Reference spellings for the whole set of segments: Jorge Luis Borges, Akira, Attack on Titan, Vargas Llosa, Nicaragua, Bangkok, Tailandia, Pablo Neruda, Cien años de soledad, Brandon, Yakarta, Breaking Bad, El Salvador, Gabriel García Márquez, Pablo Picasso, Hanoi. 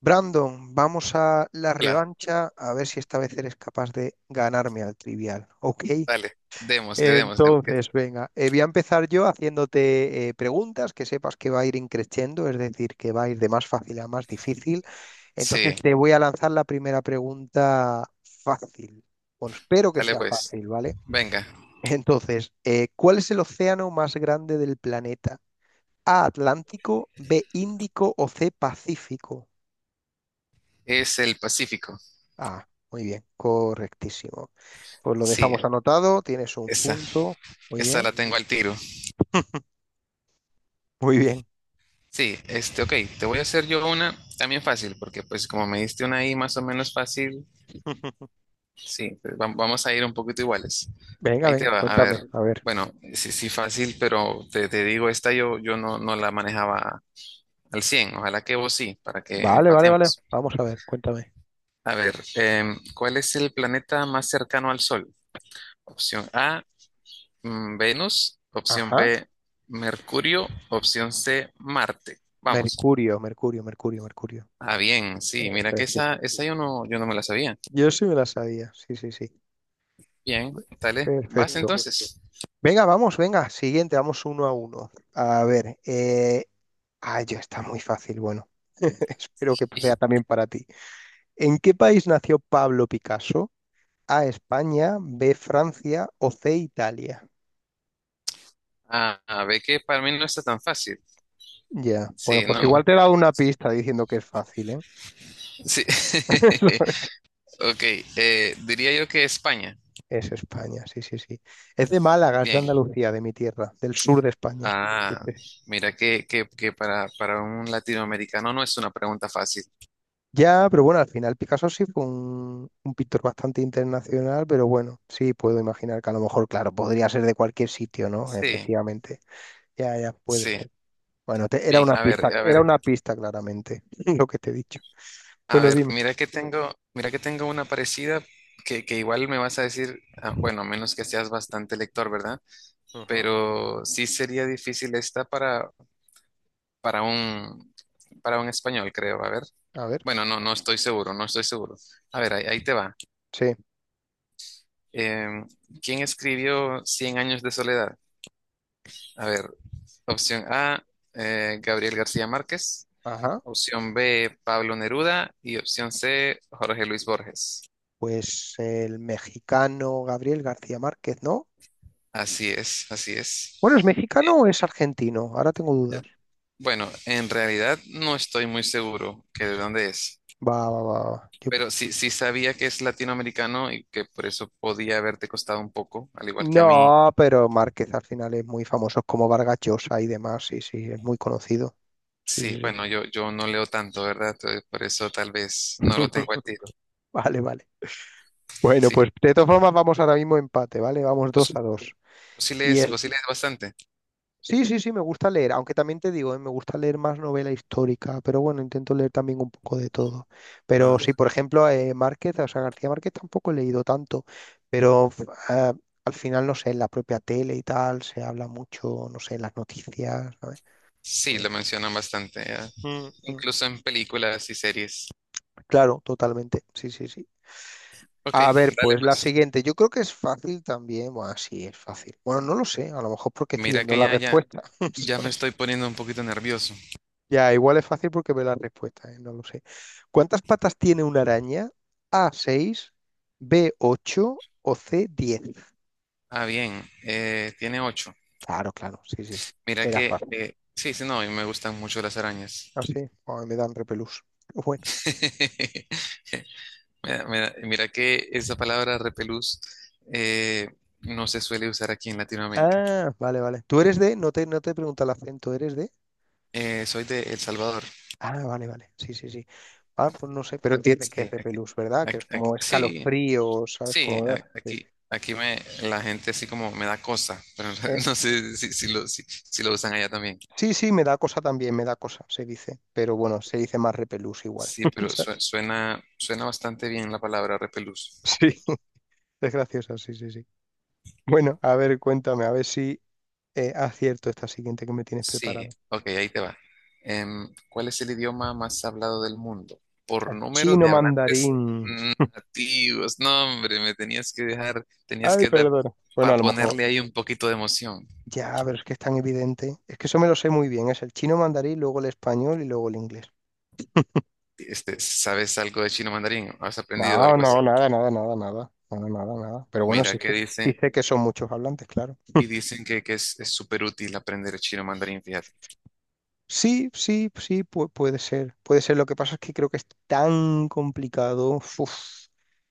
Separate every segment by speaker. Speaker 1: Brandon, vamos a la
Speaker 2: Claro,
Speaker 1: revancha a ver si esta vez eres capaz de ganarme al trivial, ¿ok?
Speaker 2: dale, démosle, démosle.
Speaker 1: Entonces, venga, voy a empezar yo haciéndote preguntas que sepas que va a ir increciendo, es decir, que va a ir de más fácil a más difícil. Entonces,
Speaker 2: Sí,
Speaker 1: te voy a lanzar la primera pregunta fácil. Bueno, espero que
Speaker 2: dale
Speaker 1: sea
Speaker 2: pues.
Speaker 1: fácil, ¿vale?
Speaker 2: Venga,
Speaker 1: Entonces, ¿cuál es el océano más grande del planeta? A, Atlántico, B, Índico o C, Pacífico.
Speaker 2: es el Pacífico.
Speaker 1: Ah, muy bien, correctísimo. Pues lo
Speaker 2: Sí,
Speaker 1: dejamos anotado, tienes un
Speaker 2: esa,
Speaker 1: punto. Muy
Speaker 2: esa la
Speaker 1: bien,
Speaker 2: tengo al tiro.
Speaker 1: muy bien.
Speaker 2: Sí, ok, te voy a hacer yo una también fácil, porque pues como me diste una ahí más o menos fácil, sí, pues, vamos a ir un poquito iguales.
Speaker 1: Venga,
Speaker 2: Ahí te
Speaker 1: venga,
Speaker 2: va, a ver,
Speaker 1: cuéntame, a ver.
Speaker 2: bueno, sí, sí, fácil, pero te digo, esta yo no la manejaba al 100, ojalá que vos sí, para que
Speaker 1: Vale, vale, vale.
Speaker 2: empatemos.
Speaker 1: Vamos a ver, cuéntame.
Speaker 2: A ver, ¿cuál es el planeta más cercano al Sol? Opción A, Venus, opción
Speaker 1: Ajá.
Speaker 2: B, Mercurio, opción C, Marte. Vamos.
Speaker 1: Mercurio, Mercurio, Mercurio, Mercurio.
Speaker 2: Ah, bien, sí, mira
Speaker 1: Eso
Speaker 2: que
Speaker 1: es, sí.
Speaker 2: esa yo no me la sabía.
Speaker 1: Yo sí me la sabía, sí, sí, sí.
Speaker 2: Bien, dale, vas
Speaker 1: Perfecto.
Speaker 2: entonces.
Speaker 1: Venga, vamos, venga, siguiente, vamos uno a uno. A ver, Ay, ya está muy fácil, bueno, espero que
Speaker 2: Y-
Speaker 1: sea también para ti. ¿En qué país nació Pablo Picasso? A España, B Francia o C Italia.
Speaker 2: Ah, ah, ve que para mí no está tan fácil.
Speaker 1: Ya, bueno,
Speaker 2: Sí,
Speaker 1: pues
Speaker 2: no, no,
Speaker 1: igual
Speaker 2: no.
Speaker 1: te he dado una pista diciendo que es fácil, ¿eh?
Speaker 2: Sí. Ok, diría yo que España.
Speaker 1: Es España, sí, sí, sí. Es de Málaga, es de
Speaker 2: Bien.
Speaker 1: Andalucía, de mi tierra, del sur de España. Sí,
Speaker 2: Ah,
Speaker 1: sí, sí.
Speaker 2: mira que para un latinoamericano no es una pregunta fácil.
Speaker 1: Ya, pero bueno, al final Picasso sí fue un pintor bastante internacional, pero bueno, sí puedo imaginar que a lo mejor, claro, podría ser de cualquier sitio, ¿no?
Speaker 2: Sí,
Speaker 1: Efectivamente. Ya, ya, puede
Speaker 2: sí.
Speaker 1: ser. Bueno,
Speaker 2: Bien, a ver, a
Speaker 1: era
Speaker 2: ver.
Speaker 1: una pista claramente, lo que te he dicho.
Speaker 2: A
Speaker 1: Bueno,
Speaker 2: ver,
Speaker 1: dime.
Speaker 2: mira que tengo una parecida que igual me vas a decir, ah, bueno, a menos que seas bastante lector, ¿verdad?
Speaker 1: Ujú.
Speaker 2: Pero sí sería difícil esta para, para un, para un español, creo. A ver.
Speaker 1: A ver,
Speaker 2: Bueno, no, no estoy seguro, no estoy seguro. A ver, ahí, ahí te va.
Speaker 1: sí,
Speaker 2: Em, ¿Quién escribió Cien años de soledad? A ver, opción A, Gabriel García Márquez,
Speaker 1: ajá.
Speaker 2: opción B, Pablo Neruda y opción C, Jorge Luis Borges.
Speaker 1: Pues el mexicano Gabriel García Márquez, ¿no?
Speaker 2: Así es, así
Speaker 1: Bueno, ¿es
Speaker 2: es.
Speaker 1: mexicano o es argentino? Ahora tengo dudas.
Speaker 2: Bueno, en realidad no estoy muy seguro que de dónde es,
Speaker 1: Va, va, va, va.
Speaker 2: pero sí, sí sabía que es latinoamericano y que por eso podía haberte costado un poco, al igual que a mí.
Speaker 1: No, pero Márquez al final es muy famoso, es como Vargas Llosa y demás. Sí, sí, es muy conocido. Sí,
Speaker 2: Sí,
Speaker 1: sí, sí.
Speaker 2: bueno, yo no leo tanto, ¿verdad? Entonces, por eso tal vez no lo tengo al tiro.
Speaker 1: Vale, vale. Bueno,
Speaker 2: Sí,
Speaker 1: pues de todas formas vamos ahora mismo empate, ¿vale? Vamos dos
Speaker 2: vos,
Speaker 1: a dos. Y es
Speaker 2: vos sí lees bastante.
Speaker 1: Sí, sí, sí, me gusta leer, aunque también te digo, me gusta leer más novela histórica, pero bueno, intento leer también un poco de todo. Pero
Speaker 2: Ah.
Speaker 1: sí, por ejemplo, Márquez, o sea, García Márquez tampoco he leído tanto, pero al final, no sé, en la propia tele y tal, se habla mucho, no sé, en las noticias, ¿sabes?
Speaker 2: Sí,
Speaker 1: Vale.
Speaker 2: lo mencionan bastante, ¿eh?
Speaker 1: Mm, mm.
Speaker 2: Incluso en películas y series.
Speaker 1: Claro, totalmente, sí, sí, sí.
Speaker 2: Ok,
Speaker 1: A ver,
Speaker 2: dale
Speaker 1: pues la
Speaker 2: pues.
Speaker 1: siguiente, yo creo que es fácil también, bueno, sí, es fácil. Bueno, no lo sé, a lo mejor porque estoy
Speaker 2: Mira
Speaker 1: viendo
Speaker 2: que
Speaker 1: la
Speaker 2: ya, ya,
Speaker 1: respuesta.
Speaker 2: ya me estoy poniendo un poquito nervioso.
Speaker 1: Ya, igual es fácil porque ve la respuesta, ¿eh? No lo sé. ¿Cuántas patas tiene una araña? A, 6, B, 8 o C, 10.
Speaker 2: Ah, bien, tiene ocho.
Speaker 1: Claro, claro, sí, sí, sí.
Speaker 2: Mira
Speaker 1: Era fácil.
Speaker 2: sí, sí, no, y me gustan mucho las arañas.
Speaker 1: Ah, sí. Ay, me dan repelús. Bueno.
Speaker 2: Mira, mira que esa palabra repelús eh, no se suele usar aquí en Latinoamérica.
Speaker 1: Ah, vale, vale. ¿Tú eres de? No te pregunta el acento, ¿eres de?
Speaker 2: Soy de El Salvador.
Speaker 1: Ah, vale, vale. Sí, sí, sí. Ah, pues no sé, pero entiendes
Speaker 2: Sí,
Speaker 1: que es
Speaker 2: ac-
Speaker 1: repelús, ¿verdad? Que es como
Speaker 2: sí,
Speaker 1: escalofrío, ¿sabes?
Speaker 2: sí,
Speaker 1: Como... ah, sí.
Speaker 2: aquí, la gente así como me da cosa, pero
Speaker 1: Eh,
Speaker 2: no sé si si lo usan allá también.
Speaker 1: sí, sí, me da cosa también, me da cosa, se dice. Pero bueno, se dice más repelús igual.
Speaker 2: Sí,
Speaker 1: O
Speaker 2: pero
Speaker 1: sea,
Speaker 2: suena, suena bastante bien la palabra repelús.
Speaker 1: sí. Es graciosa, sí, sí, sí. Bueno, a ver, cuéntame, a ver si acierto esta siguiente que me tienes
Speaker 2: Sí,
Speaker 1: preparada.
Speaker 2: ok, ahí te va. ¿Cuál es el idioma más hablado del mundo? Por número
Speaker 1: Chino
Speaker 2: de hablantes
Speaker 1: mandarín.
Speaker 2: nativos. No, hombre, me tenías que dejar, tenías
Speaker 1: Ay,
Speaker 2: que dar
Speaker 1: perdona. Bueno,
Speaker 2: para
Speaker 1: a lo mejor.
Speaker 2: ponerle ahí un poquito de emoción.
Speaker 1: Ya, pero es que es tan evidente. Es que eso me lo sé muy bien. Es el chino mandarín, luego el español y luego el inglés.
Speaker 2: Este, ¿sabes algo de chino mandarín? ¿Has aprendido
Speaker 1: No,
Speaker 2: algo así?
Speaker 1: no, nada, nada, nada, nada. Nada, nada, nada. Pero bueno,
Speaker 2: Mira, que
Speaker 1: sí
Speaker 2: dice,
Speaker 1: sé que son muchos hablantes, claro.
Speaker 2: y dicen que es súper útil aprender chino mandarín, fíjate.
Speaker 1: Sí, sí, sí, puede ser. Puede ser. Lo que pasa es que creo que es tan complicado. Uf,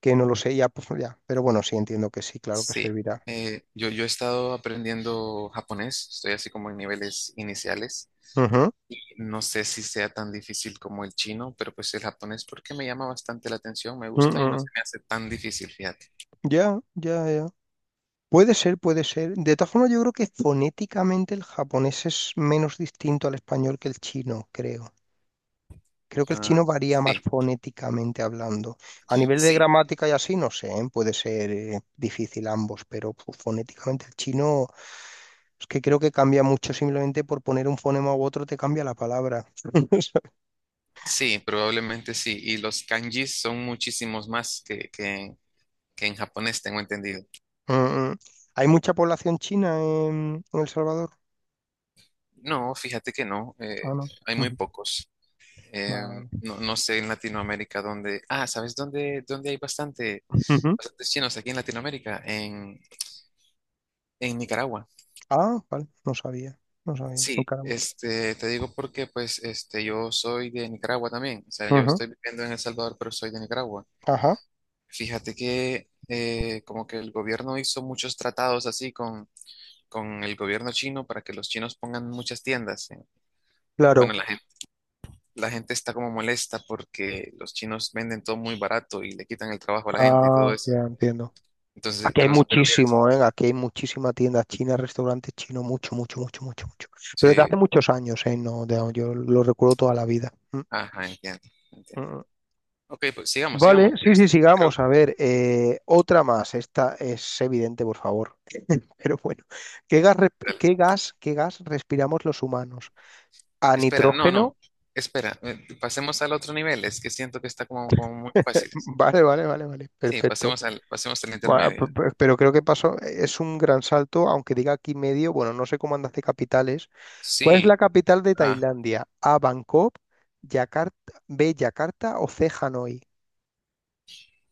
Speaker 1: que no lo sé ya, pues ya. Pero bueno, sí entiendo que sí, claro que
Speaker 2: Sí,
Speaker 1: servirá.
Speaker 2: yo, yo he estado aprendiendo japonés, estoy así como en niveles iniciales.
Speaker 1: Ujú,
Speaker 2: No sé si sea tan difícil como el chino, pero pues el japonés porque me llama bastante la atención, me gusta y no se
Speaker 1: ujú.
Speaker 2: me hace tan difícil, fíjate.
Speaker 1: Ya, ya, ya. Puede ser, puede ser. De todas formas, yo creo que fonéticamente el japonés es menos distinto al español que el chino, creo. Creo que el
Speaker 2: Ah,
Speaker 1: chino varía más
Speaker 2: sí,
Speaker 1: fonéticamente hablando. A nivel de
Speaker 2: sí,
Speaker 1: gramática y así, no sé, ¿eh? Puede ser difícil ambos, pero fonéticamente el chino es que creo que cambia mucho simplemente por poner un fonema u otro te cambia la palabra.
Speaker 2: sí, probablemente sí. Y los kanjis son muchísimos más que en japonés, tengo entendido.
Speaker 1: Mm, mm. ¿Hay mucha población china en El Salvador?
Speaker 2: No, fíjate que no,
Speaker 1: Ah, no.
Speaker 2: hay muy
Speaker 1: Ujú.
Speaker 2: pocos. Eh,
Speaker 1: Vale.
Speaker 2: no, no sé en Latinoamérica dónde... Ah, ¿sabes dónde hay bastante,
Speaker 1: Ujú.
Speaker 2: bastantes chinos aquí en Latinoamérica? En Nicaragua.
Speaker 1: Ah, vale, no sabía, no sabía, no
Speaker 2: Sí,
Speaker 1: caramba.
Speaker 2: te digo porque pues este, yo soy de Nicaragua también, o sea, yo
Speaker 1: Ujú,
Speaker 2: estoy viviendo en El Salvador, pero soy de Nicaragua.
Speaker 1: ajá,
Speaker 2: Fíjate que como que el gobierno hizo muchos tratados así con el gobierno chino para que los chinos pongan muchas tiendas. Bueno,
Speaker 1: claro.
Speaker 2: la gente está como molesta porque los chinos venden todo muy barato y le quitan el trabajo a la gente y todo
Speaker 1: Ah,
Speaker 2: eso.
Speaker 1: ya entiendo.
Speaker 2: Entonces,
Speaker 1: Aquí hay
Speaker 2: pero, vieras,
Speaker 1: muchísimo, ¿eh? Aquí hay muchísima tienda china, restaurantes chinos, mucho, mucho, mucho, mucho, mucho. Pero de
Speaker 2: sí,
Speaker 1: hace muchos años, ¿eh? No, yo lo recuerdo toda la vida. Mm,
Speaker 2: ajá, entiendo,
Speaker 1: mm,
Speaker 2: entiendo.
Speaker 1: mm.
Speaker 2: Ok, pues sigamos,
Speaker 1: Vale,
Speaker 2: sigamos.
Speaker 1: sí, sí, sigamos. A ver, otra más. Esta es evidente, por favor. Pero bueno, ¿qué gas, qué gas respiramos los humanos? A
Speaker 2: Espera, no,
Speaker 1: nitrógeno.
Speaker 2: no. Espera, pasemos al otro nivel. Es que siento que está como, como muy fácil.
Speaker 1: Vale, vale, vale, vale.
Speaker 2: Sí,
Speaker 1: Perfecto.
Speaker 2: pasemos al
Speaker 1: Bueno,
Speaker 2: intermedio.
Speaker 1: pero creo que pasó, es un gran salto, aunque diga aquí medio, bueno, no sé cómo andas de capitales. ¿Cuál es la
Speaker 2: Sí.
Speaker 1: capital de
Speaker 2: Ah,
Speaker 1: Tailandia? A, Bangkok, B, Yakarta o C, Hanoi.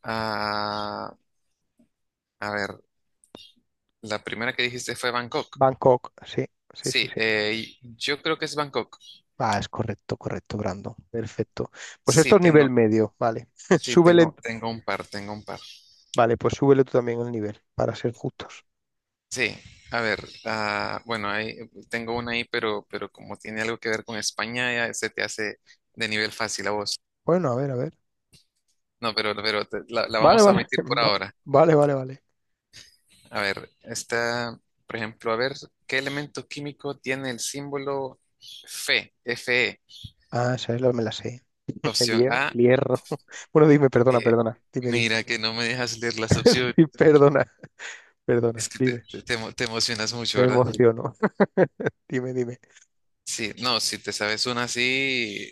Speaker 2: ah, a ver, la primera que dijiste fue Bangkok.
Speaker 1: Bangkok, sí, sí, sí,
Speaker 2: Sí,
Speaker 1: sí.
Speaker 2: yo creo que es Bangkok.
Speaker 1: Ah, es correcto, correcto, Brando. Perfecto. Pues
Speaker 2: Sí,
Speaker 1: esto es nivel
Speaker 2: tengo,
Speaker 1: medio, vale.
Speaker 2: sí,
Speaker 1: Súbele, en-
Speaker 2: tengo, tengo un par, tengo un par.
Speaker 1: vale, pues súbele tú también el nivel, para ser justos.
Speaker 2: Sí, a ver, ah, bueno, ahí tengo una ahí, pero como tiene algo que ver con España, ya se te hace de nivel fácil a vos.
Speaker 1: Bueno, a ver, a ver.
Speaker 2: No, pero, la la
Speaker 1: Vale,
Speaker 2: vamos a
Speaker 1: vale.
Speaker 2: omitir por ahora.
Speaker 1: Vale, vale, vale.
Speaker 2: A ver, está, por ejemplo, a ver, ¿qué elemento químico tiene el símbolo Fe? Fe.
Speaker 1: Ah, esa es la me la sé.
Speaker 2: Opción A.
Speaker 1: El hierro. Bueno, dime, perdona,
Speaker 2: eh,
Speaker 1: perdona. Dime, dime.
Speaker 2: mira que no me dejas leer las opciones.
Speaker 1: Sí, perdona, perdona,
Speaker 2: Es que
Speaker 1: dime,
Speaker 2: te te emocionas mucho,
Speaker 1: me
Speaker 2: ¿verdad?
Speaker 1: emociono. Dime, dime,
Speaker 2: Sí, no, si te sabes una así,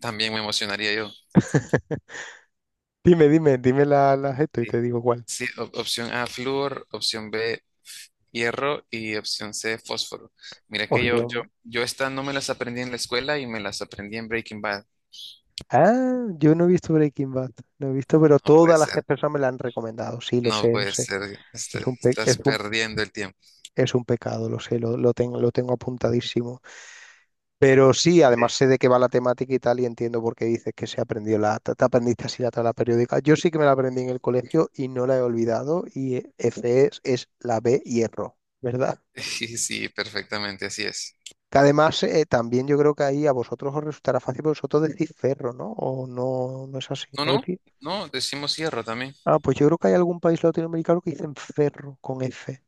Speaker 2: también me emocionaría yo.
Speaker 1: dime, dime la, las esto y
Speaker 2: Sí,
Speaker 1: te digo cuál.
Speaker 2: sí, opción A, flúor, opción B, hierro y opción C, fósforo. Mira que
Speaker 1: Ocean.
Speaker 2: yo esta no me las aprendí en la escuela y me las aprendí en Breaking Bad.
Speaker 1: Ah, yo no he visto Breaking Bad, no he visto, pero
Speaker 2: No puede
Speaker 1: todas las
Speaker 2: ser.
Speaker 1: personas me la han recomendado. Sí, lo
Speaker 2: No
Speaker 1: sé, lo
Speaker 2: puede
Speaker 1: sé.
Speaker 2: ser, este,
Speaker 1: Es un, pe- es
Speaker 2: estás
Speaker 1: un,
Speaker 2: perdiendo el tiempo.
Speaker 1: es un pecado, lo sé, lo tengo apuntadísimo. Pero sí, además sé de qué va la temática y tal, y entiendo por qué dices que se aprendió la, te aprendiste así la tabla periódica. Yo sí que me la aprendí en el colegio y no la he olvidado, y E, F es la B hierro, ¿verdad?
Speaker 2: Sí, sí, perfectamente, así es.
Speaker 1: Que además también yo creo que ahí a vosotros os resultará fácil porque vosotros decís ferro, ¿no? O no, no es así,
Speaker 2: No,
Speaker 1: ¿no
Speaker 2: no,
Speaker 1: decís?
Speaker 2: no, decimos cierra también.
Speaker 1: Ah, pues yo creo que hay algún país latinoamericano que dicen ferro con F,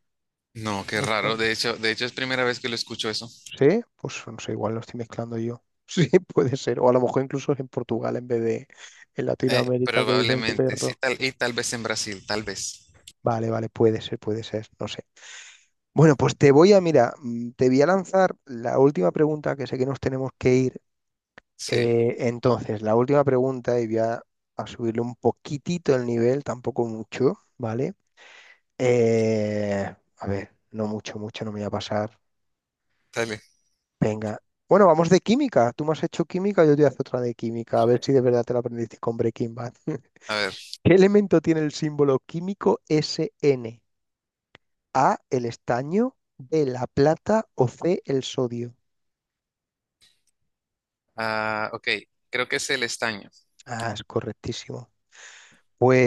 Speaker 2: No, qué
Speaker 1: me
Speaker 2: raro.
Speaker 1: suena.
Speaker 2: De hecho es primera vez que lo escucho eso.
Speaker 1: ¿Sí? Pues no sé, igual lo estoy mezclando yo. Sí, puede ser. O a lo mejor incluso es en Portugal en vez de en Latinoamérica que dicen
Speaker 2: Probablemente, sí,
Speaker 1: ferro.
Speaker 2: tal, y tal vez en Brasil, tal vez.
Speaker 1: Vale, vale, puede ser, no sé. Bueno, pues te voy a, mira, mm, te voy a lanzar la última pregunta que sé que nos tenemos que ir.
Speaker 2: Sí,
Speaker 1: Entonces, la última pregunta, y a subirle un poquitito el nivel, tampoco mucho, ¿vale? A ver, no mucho, mucho, no me voy a pasar.
Speaker 2: dale.
Speaker 1: Venga. Bueno, vamos de química. Tú me has hecho química, yo te hago otra de química. A ver si de verdad te la aprendiste con Breaking Bad.
Speaker 2: A ver.
Speaker 1: ¿Qué elemento tiene el símbolo químico SN? A, el estaño, B, la plata o C, el sodio.
Speaker 2: Ah, ok, creo que es el estaño.
Speaker 1: Ah, es correctísimo.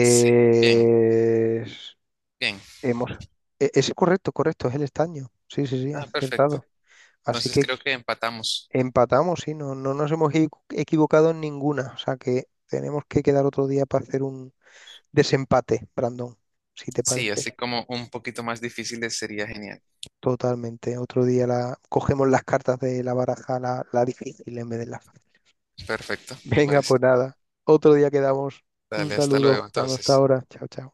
Speaker 2: Sí, bien, bien.
Speaker 1: Hemos. Es correcto, correcto, es el estaño. Sí, sí, sí,
Speaker 2: Ah, perfecto.
Speaker 1: acertado. Así
Speaker 2: Entonces
Speaker 1: que
Speaker 2: creo que empatamos.
Speaker 1: empatamos, sí, no, no nos hemos equivocado en ninguna. O sea que tenemos que quedar otro día para hacer un desempate, Brandon, si te
Speaker 2: Sí,
Speaker 1: parece.
Speaker 2: así como un poquito más difíciles sería genial.
Speaker 1: Totalmente. Otro día la... cogemos las cartas de la baraja, la difícil en vez de la fácil.
Speaker 2: Perfecto, me
Speaker 1: Venga,
Speaker 2: parece.
Speaker 1: pues nada. Otro día quedamos. Un
Speaker 2: Dale, hasta
Speaker 1: saludo.
Speaker 2: luego
Speaker 1: Hasta
Speaker 2: entonces.
Speaker 1: ahora. Chao, chao.